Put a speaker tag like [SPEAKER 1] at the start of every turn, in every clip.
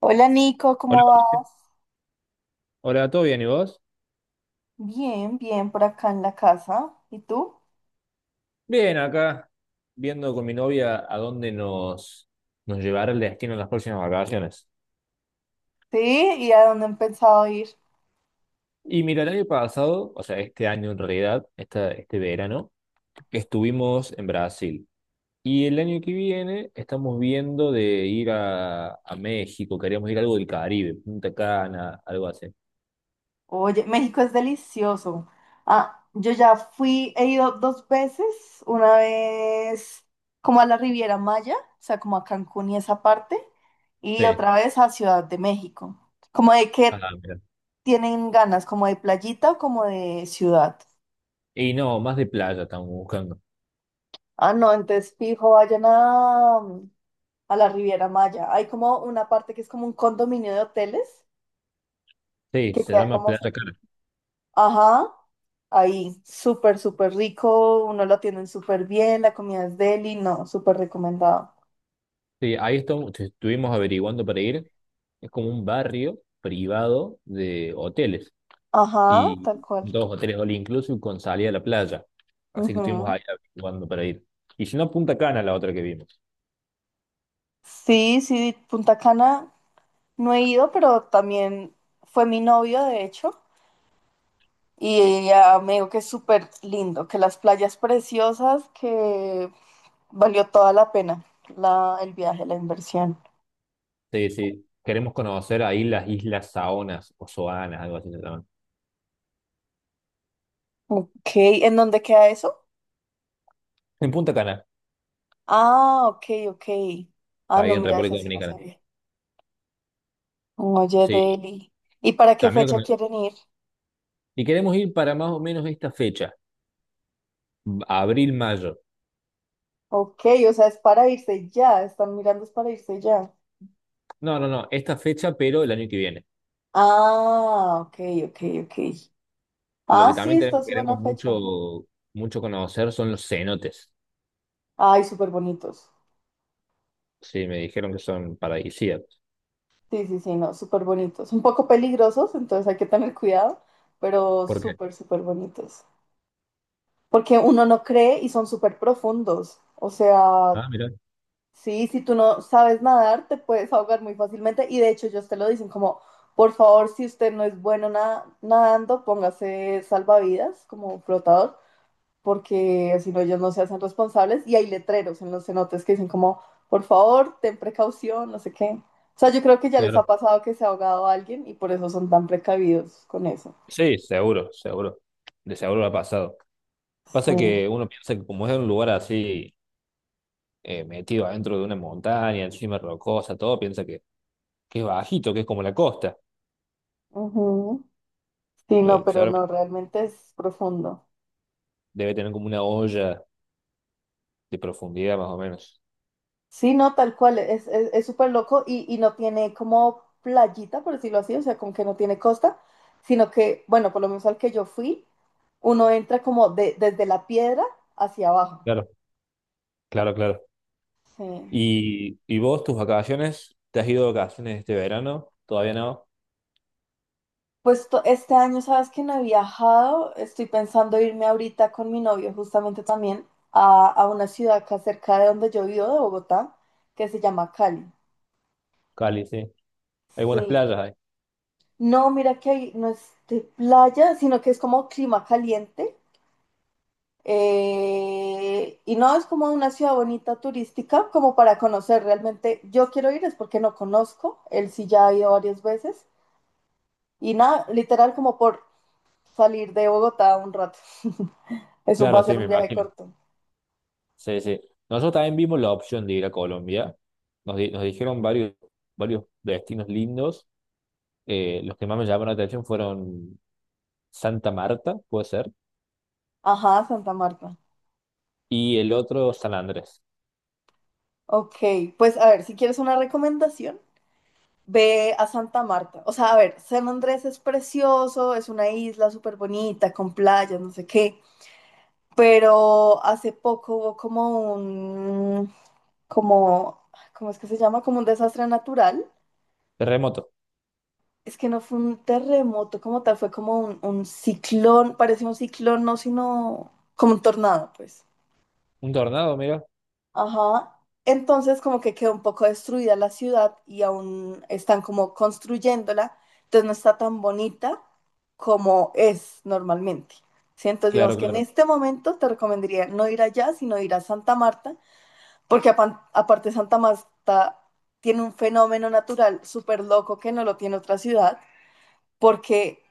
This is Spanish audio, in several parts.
[SPEAKER 1] Hola Nico,
[SPEAKER 2] Hola,
[SPEAKER 1] ¿cómo vas?
[SPEAKER 2] Jorge. Hola, ¿todo bien? ¿Y vos?
[SPEAKER 1] Bien, bien, por acá en la casa. ¿Y tú?
[SPEAKER 2] Bien, acá viendo con mi novia a dónde nos llevará el destino en las próximas vacaciones.
[SPEAKER 1] Sí, ¿y a dónde han pensado ir?
[SPEAKER 2] Y mira, el año pasado, o sea, este año en realidad, este verano, estuvimos en Brasil. Y el año que viene estamos viendo de ir a México, queríamos ir a algo del Caribe, Punta Cana, algo así.
[SPEAKER 1] Oye, México es delicioso. Ah, yo ya fui, he ido dos veces, una vez como a la Riviera Maya, o sea, como a Cancún y esa parte, y
[SPEAKER 2] Sí,
[SPEAKER 1] otra vez a Ciudad de México. ¿Como de
[SPEAKER 2] ah,
[SPEAKER 1] qué
[SPEAKER 2] mira.
[SPEAKER 1] tienen ganas? ¿Como de playita o como de ciudad?
[SPEAKER 2] Y no, más de playa estamos buscando.
[SPEAKER 1] Ah, no, entonces fijo, vayan a la Riviera Maya. Hay como una parte que es como un condominio de hoteles
[SPEAKER 2] Sí,
[SPEAKER 1] que
[SPEAKER 2] se
[SPEAKER 1] queda
[SPEAKER 2] llama
[SPEAKER 1] como,
[SPEAKER 2] Playa Cana.
[SPEAKER 1] ajá, ahí, súper, súper rico, uno lo atienden súper bien, la comida es deli, no, súper recomendado.
[SPEAKER 2] Sí, ahí estamos, estuvimos averiguando para ir. Es como un barrio privado de hoteles
[SPEAKER 1] Ajá,
[SPEAKER 2] y
[SPEAKER 1] tal cual.
[SPEAKER 2] dos hoteles all inclusive con salida a la playa. Así que estuvimos
[SPEAKER 1] Ujú.
[SPEAKER 2] ahí averiguando para ir. Y si no, Punta Cana, la otra que vimos.
[SPEAKER 1] Sí, sí, Punta Cana no he ido, pero también fue mi novio, de hecho, y ella me dijo que es súper lindo, que las playas preciosas, que valió toda la pena el viaje, la inversión.
[SPEAKER 2] Sí, sí. Queremos conocer ahí las islas Saonas o Soanas, algo así se llaman.
[SPEAKER 1] Ok, ¿en dónde queda eso?
[SPEAKER 2] En Punta Cana,
[SPEAKER 1] Ah, ok, ok. Ah,
[SPEAKER 2] está ahí
[SPEAKER 1] no,
[SPEAKER 2] en
[SPEAKER 1] mira, esa
[SPEAKER 2] República
[SPEAKER 1] sí no
[SPEAKER 2] Dominicana.
[SPEAKER 1] sabía. Oye,
[SPEAKER 2] Sí,
[SPEAKER 1] Deli. ¿Y para qué
[SPEAKER 2] también
[SPEAKER 1] fecha quieren ir?
[SPEAKER 2] y queremos ir para más o menos esta fecha, abril, mayo.
[SPEAKER 1] Ok, o sea, es para irse ya. Están mirando, es para irse ya.
[SPEAKER 2] No, no, no, esta fecha, pero el año que viene.
[SPEAKER 1] Ah, ok, ok, ok.
[SPEAKER 2] Lo
[SPEAKER 1] Ah,
[SPEAKER 2] que
[SPEAKER 1] sí,
[SPEAKER 2] también
[SPEAKER 1] esta es buena
[SPEAKER 2] queremos
[SPEAKER 1] fecha.
[SPEAKER 2] mucho, mucho conocer son los cenotes.
[SPEAKER 1] Ay, súper bonitos.
[SPEAKER 2] Sí, me dijeron que son paradisíacos.
[SPEAKER 1] Sí, sí, sí, no, súper bonitos. Un poco peligrosos, entonces hay que tener cuidado, pero
[SPEAKER 2] ¿Por qué?
[SPEAKER 1] súper, súper bonitos. Porque uno no cree y son súper profundos. O sea,
[SPEAKER 2] Ah, mirá,
[SPEAKER 1] sí, si tú no sabes nadar, te puedes ahogar muy fácilmente. Y de hecho, ellos te lo dicen como, por favor, si usted no es bueno nadando, póngase salvavidas como flotador, porque si no, ellos no se hacen responsables. Y hay letreros en los cenotes que dicen como, por favor, ten precaución, no sé qué. O sea, yo creo que ya les ha
[SPEAKER 2] claro.
[SPEAKER 1] pasado que se ha ahogado alguien y por eso son tan precavidos con eso.
[SPEAKER 2] Sí, seguro, seguro. De seguro lo ha pasado. Pasa
[SPEAKER 1] Sí.
[SPEAKER 2] que uno piensa que como es un lugar así, metido adentro de una montaña, encima rocosa, todo, que es bajito, que es como la costa.
[SPEAKER 1] Ujú. Sí, no,
[SPEAKER 2] Pero
[SPEAKER 1] pero no,
[SPEAKER 2] seguramente
[SPEAKER 1] realmente es profundo.
[SPEAKER 2] debe tener como una olla de profundidad más o menos.
[SPEAKER 1] Sí, no, tal cual, es súper loco y no tiene como playita, por decirlo así, o sea, como que no tiene costa, sino que, bueno, por lo menos al que yo fui, uno entra como desde la piedra hacia abajo.
[SPEAKER 2] Claro, claro, claro.
[SPEAKER 1] Sí.
[SPEAKER 2] Y vos, tus vacaciones? ¿Te has ido de vacaciones este verano? ¿Todavía no?
[SPEAKER 1] Pues este año, sabes que no he viajado, estoy pensando irme ahorita con mi novio justamente también a, una ciudad acá cerca de donde yo vivo, de Bogotá, que se llama Cali.
[SPEAKER 2] Cali, sí. Hay buenas
[SPEAKER 1] Sí,
[SPEAKER 2] playas ahí.
[SPEAKER 1] no, mira que ahí no es de playa, sino que es como clima caliente. Y no es como una ciudad bonita turística, como para conocer realmente. Yo quiero ir es porque no conozco, él sí ya ha ido varias veces. Y nada, literal como por salir de Bogotá un rato. Eso va
[SPEAKER 2] Claro,
[SPEAKER 1] a
[SPEAKER 2] sí,
[SPEAKER 1] ser
[SPEAKER 2] me
[SPEAKER 1] un viaje
[SPEAKER 2] imagino.
[SPEAKER 1] corto.
[SPEAKER 2] Sí, sí. Nosotros también vimos la opción de ir a Colombia. Nos dijeron varios destinos lindos. Los que más me llamaron la atención fueron Santa Marta, puede ser,
[SPEAKER 1] Ajá, Santa Marta.
[SPEAKER 2] y el otro San Andrés.
[SPEAKER 1] Ok, pues a ver, si quieres una recomendación, ve a Santa Marta. O sea, a ver, San Andrés es precioso, es una isla súper bonita, con playas, no sé qué. Pero hace poco hubo como un como, ¿cómo es que se llama? Como un desastre natural.
[SPEAKER 2] Terremoto.
[SPEAKER 1] Es que no fue un terremoto como tal, fue como un ciclón, parecía un ciclón, no, sino como un tornado, pues.
[SPEAKER 2] Un tornado, mira.
[SPEAKER 1] Ajá. Entonces como que quedó un poco destruida la ciudad y aún están como construyéndola, entonces no está tan bonita como es normalmente. ¿Sí? Entonces digamos
[SPEAKER 2] Claro,
[SPEAKER 1] que en
[SPEAKER 2] claro.
[SPEAKER 1] este momento te recomendaría no ir allá, sino ir a Santa Marta, porque aparte Santa Marta tiene un fenómeno natural súper loco que no lo tiene otra ciudad, porque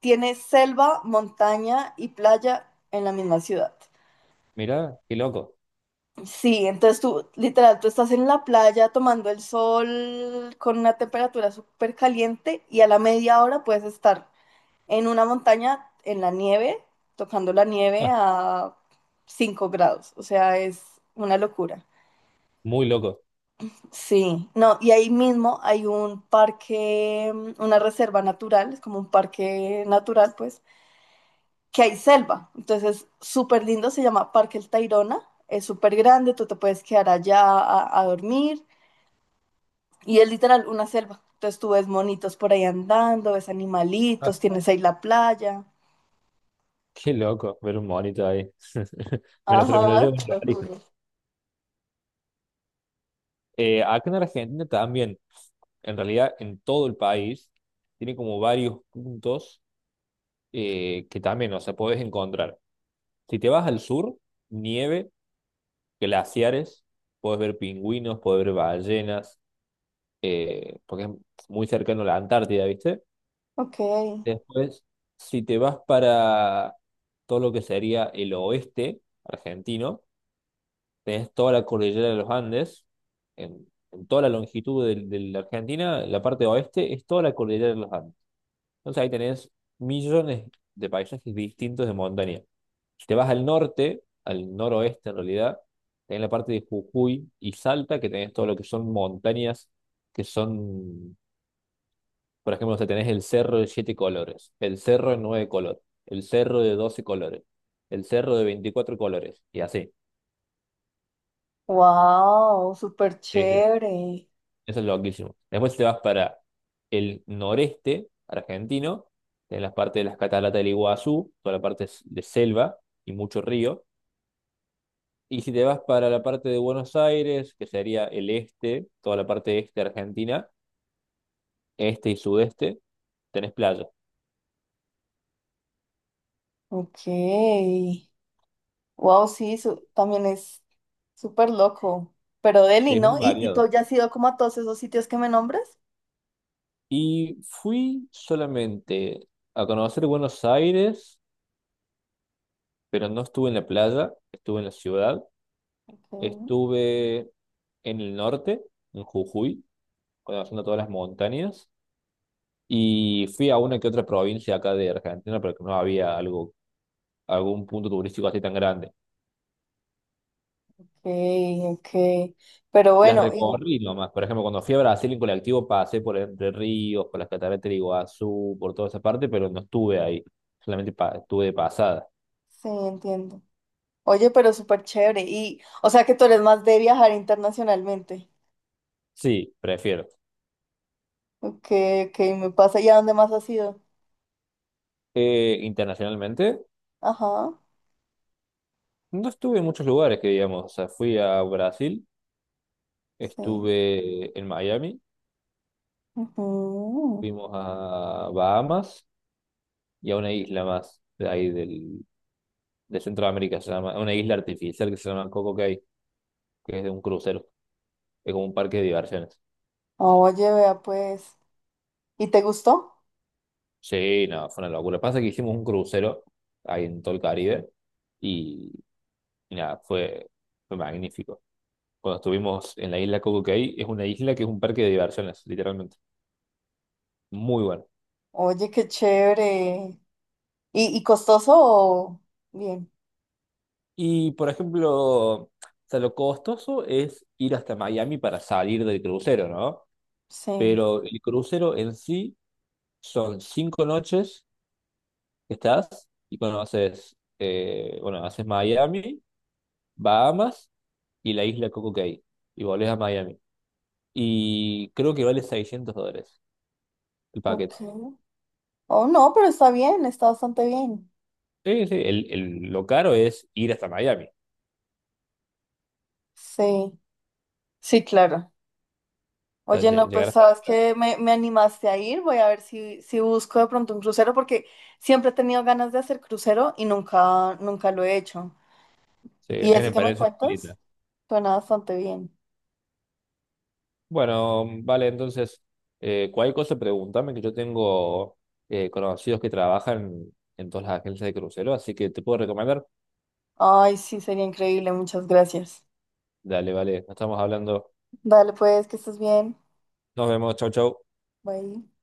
[SPEAKER 1] tiene selva, montaña y playa en la misma ciudad.
[SPEAKER 2] Mira, qué loco.
[SPEAKER 1] Sí, entonces tú, literal, tú estás en la playa tomando el sol con una temperatura súper caliente y a la media hora puedes estar en una montaña en la nieve, tocando la nieve
[SPEAKER 2] Ah,
[SPEAKER 1] a 5 grados. O sea, es una locura.
[SPEAKER 2] muy loco.
[SPEAKER 1] Sí, no, y ahí mismo hay un parque, una reserva natural, es como un parque natural, pues, que hay selva. Entonces, súper lindo, se llama Parque El Tayrona, es súper grande, tú te puedes quedar allá a, dormir y es literal una selva. Entonces, tú ves monitos por ahí andando, ves
[SPEAKER 2] Ah,
[SPEAKER 1] animalitos, tienes ahí la playa.
[SPEAKER 2] qué loco ver un monito ahí. Me lo
[SPEAKER 1] Ajá,
[SPEAKER 2] llevo en
[SPEAKER 1] te lo
[SPEAKER 2] el
[SPEAKER 1] juro.
[SPEAKER 2] acá en Argentina también en realidad en todo el país, tiene como varios puntos que también, o sea, podés encontrar. Si te vas al sur, nieve, glaciares, puedes ver pingüinos, puedes ver ballenas, porque es muy cercano a la Antártida, ¿viste?
[SPEAKER 1] Ok,
[SPEAKER 2] Después, si te vas para todo lo que sería el oeste argentino, tenés toda la cordillera de los Andes, en toda la longitud de la Argentina, la parte oeste es toda la cordillera de los Andes. Entonces ahí tenés millones de paisajes distintos de montaña. Si te vas al norte, al noroeste en realidad, tenés la parte de Jujuy y Salta, que tenés todo lo que son montañas, que son, por ejemplo, o sea, tenés el cerro de siete colores, el cerro de nueve colores, el cerro de doce colores, el cerro de veinticuatro colores, y así.
[SPEAKER 1] wow, súper
[SPEAKER 2] Sí, sí.
[SPEAKER 1] chévere.
[SPEAKER 2] Eso es loquísimo. Después si te vas para el noreste argentino, en las partes de las cataratas del Iguazú, toda la de selva y mucho río. Y si te vas para la parte de Buenos Aires, que sería el este, toda la parte este argentina, este y sudeste, tenés playa.
[SPEAKER 1] Ok. Wow, sí, también es súper loco. Pero Delhi,
[SPEAKER 2] Sí, es muy
[SPEAKER 1] ¿no? Y tú
[SPEAKER 2] variado.
[SPEAKER 1] ya has ido como a todos esos sitios que me nombres?
[SPEAKER 2] Y fui solamente a conocer Buenos Aires, pero no estuve en la playa, estuve en la ciudad,
[SPEAKER 1] Ok,
[SPEAKER 2] estuve en el norte, en Jujuy conociendo todas las montañas. Y fui a una que otra provincia acá de Argentina, pero que no había algo, algún punto turístico así tan grande.
[SPEAKER 1] ok. Pero
[SPEAKER 2] Las
[SPEAKER 1] bueno,
[SPEAKER 2] recorrí nomás. Por ejemplo, cuando fui a Brasil en colectivo pasé por Entre Ríos, por las cataratas de Iguazú, por toda esa parte, pero no estuve ahí. Estuve de pasada.
[SPEAKER 1] sí, entiendo. Oye, pero súper chévere. Y, o sea que tú eres más de viajar internacionalmente.
[SPEAKER 2] Sí, prefiero.
[SPEAKER 1] Ok, ok, me pasa. ¿Y a dónde más has ido?
[SPEAKER 2] Internacionalmente,
[SPEAKER 1] Ajá,
[SPEAKER 2] no estuve en muchos lugares que digamos. O sea, fui a Brasil,
[SPEAKER 1] sí.
[SPEAKER 2] estuve en Miami,
[SPEAKER 1] Ujú.
[SPEAKER 2] fuimos a Bahamas y a una isla más de ahí del de Centroamérica, se llama, una isla artificial que se llama Coco Cay, que es de un crucero, es como un parque de diversiones.
[SPEAKER 1] Oye, vea pues. ¿Y te gustó?
[SPEAKER 2] Sí, no, fue una locura. Pasa que hicimos un crucero ahí en todo el Caribe y, y nada, fue magnífico. Cuando estuvimos en la isla Coco Cay, es una isla que es un parque de diversiones, literalmente. Muy bueno.
[SPEAKER 1] Oye, qué chévere. Y costoso o bien?
[SPEAKER 2] Y por ejemplo, o sea, lo costoso es ir hasta Miami para salir del crucero, ¿no?
[SPEAKER 1] Sí.
[SPEAKER 2] Pero el crucero en sí son cinco noches que estás y conoces, bueno, haces Miami, Bahamas y la isla Coco Cay y volvés a Miami. Y creo que vale $600 el paquete.
[SPEAKER 1] Ok. Oh, no, pero está bien, está bastante bien.
[SPEAKER 2] Sí, sí, lo caro es ir hasta Miami, o
[SPEAKER 1] Sí, sí, claro.
[SPEAKER 2] sea,
[SPEAKER 1] Oye, no,
[SPEAKER 2] llegar
[SPEAKER 1] pues
[SPEAKER 2] hasta
[SPEAKER 1] sabes
[SPEAKER 2] allá.
[SPEAKER 1] que me animaste a ir, voy a ver si, busco de pronto un crucero, porque siempre he tenido ganas de hacer crucero y nunca, nunca lo he hecho.
[SPEAKER 2] Sí, es
[SPEAKER 1] Y
[SPEAKER 2] una
[SPEAKER 1] ese que me
[SPEAKER 2] experiencia muy
[SPEAKER 1] cuentas
[SPEAKER 2] linda.
[SPEAKER 1] suena bastante bien.
[SPEAKER 2] Bueno, vale, entonces, cualquier cosa pregúntame, que yo tengo conocidos que trabajan en todas las agencias de crucero, así que te puedo recomendar.
[SPEAKER 1] Ay, sí, sería increíble, muchas gracias.
[SPEAKER 2] Dale, vale, nos estamos hablando.
[SPEAKER 1] Dale pues, que estés bien.
[SPEAKER 2] Nos vemos, chau, chau.
[SPEAKER 1] Bye.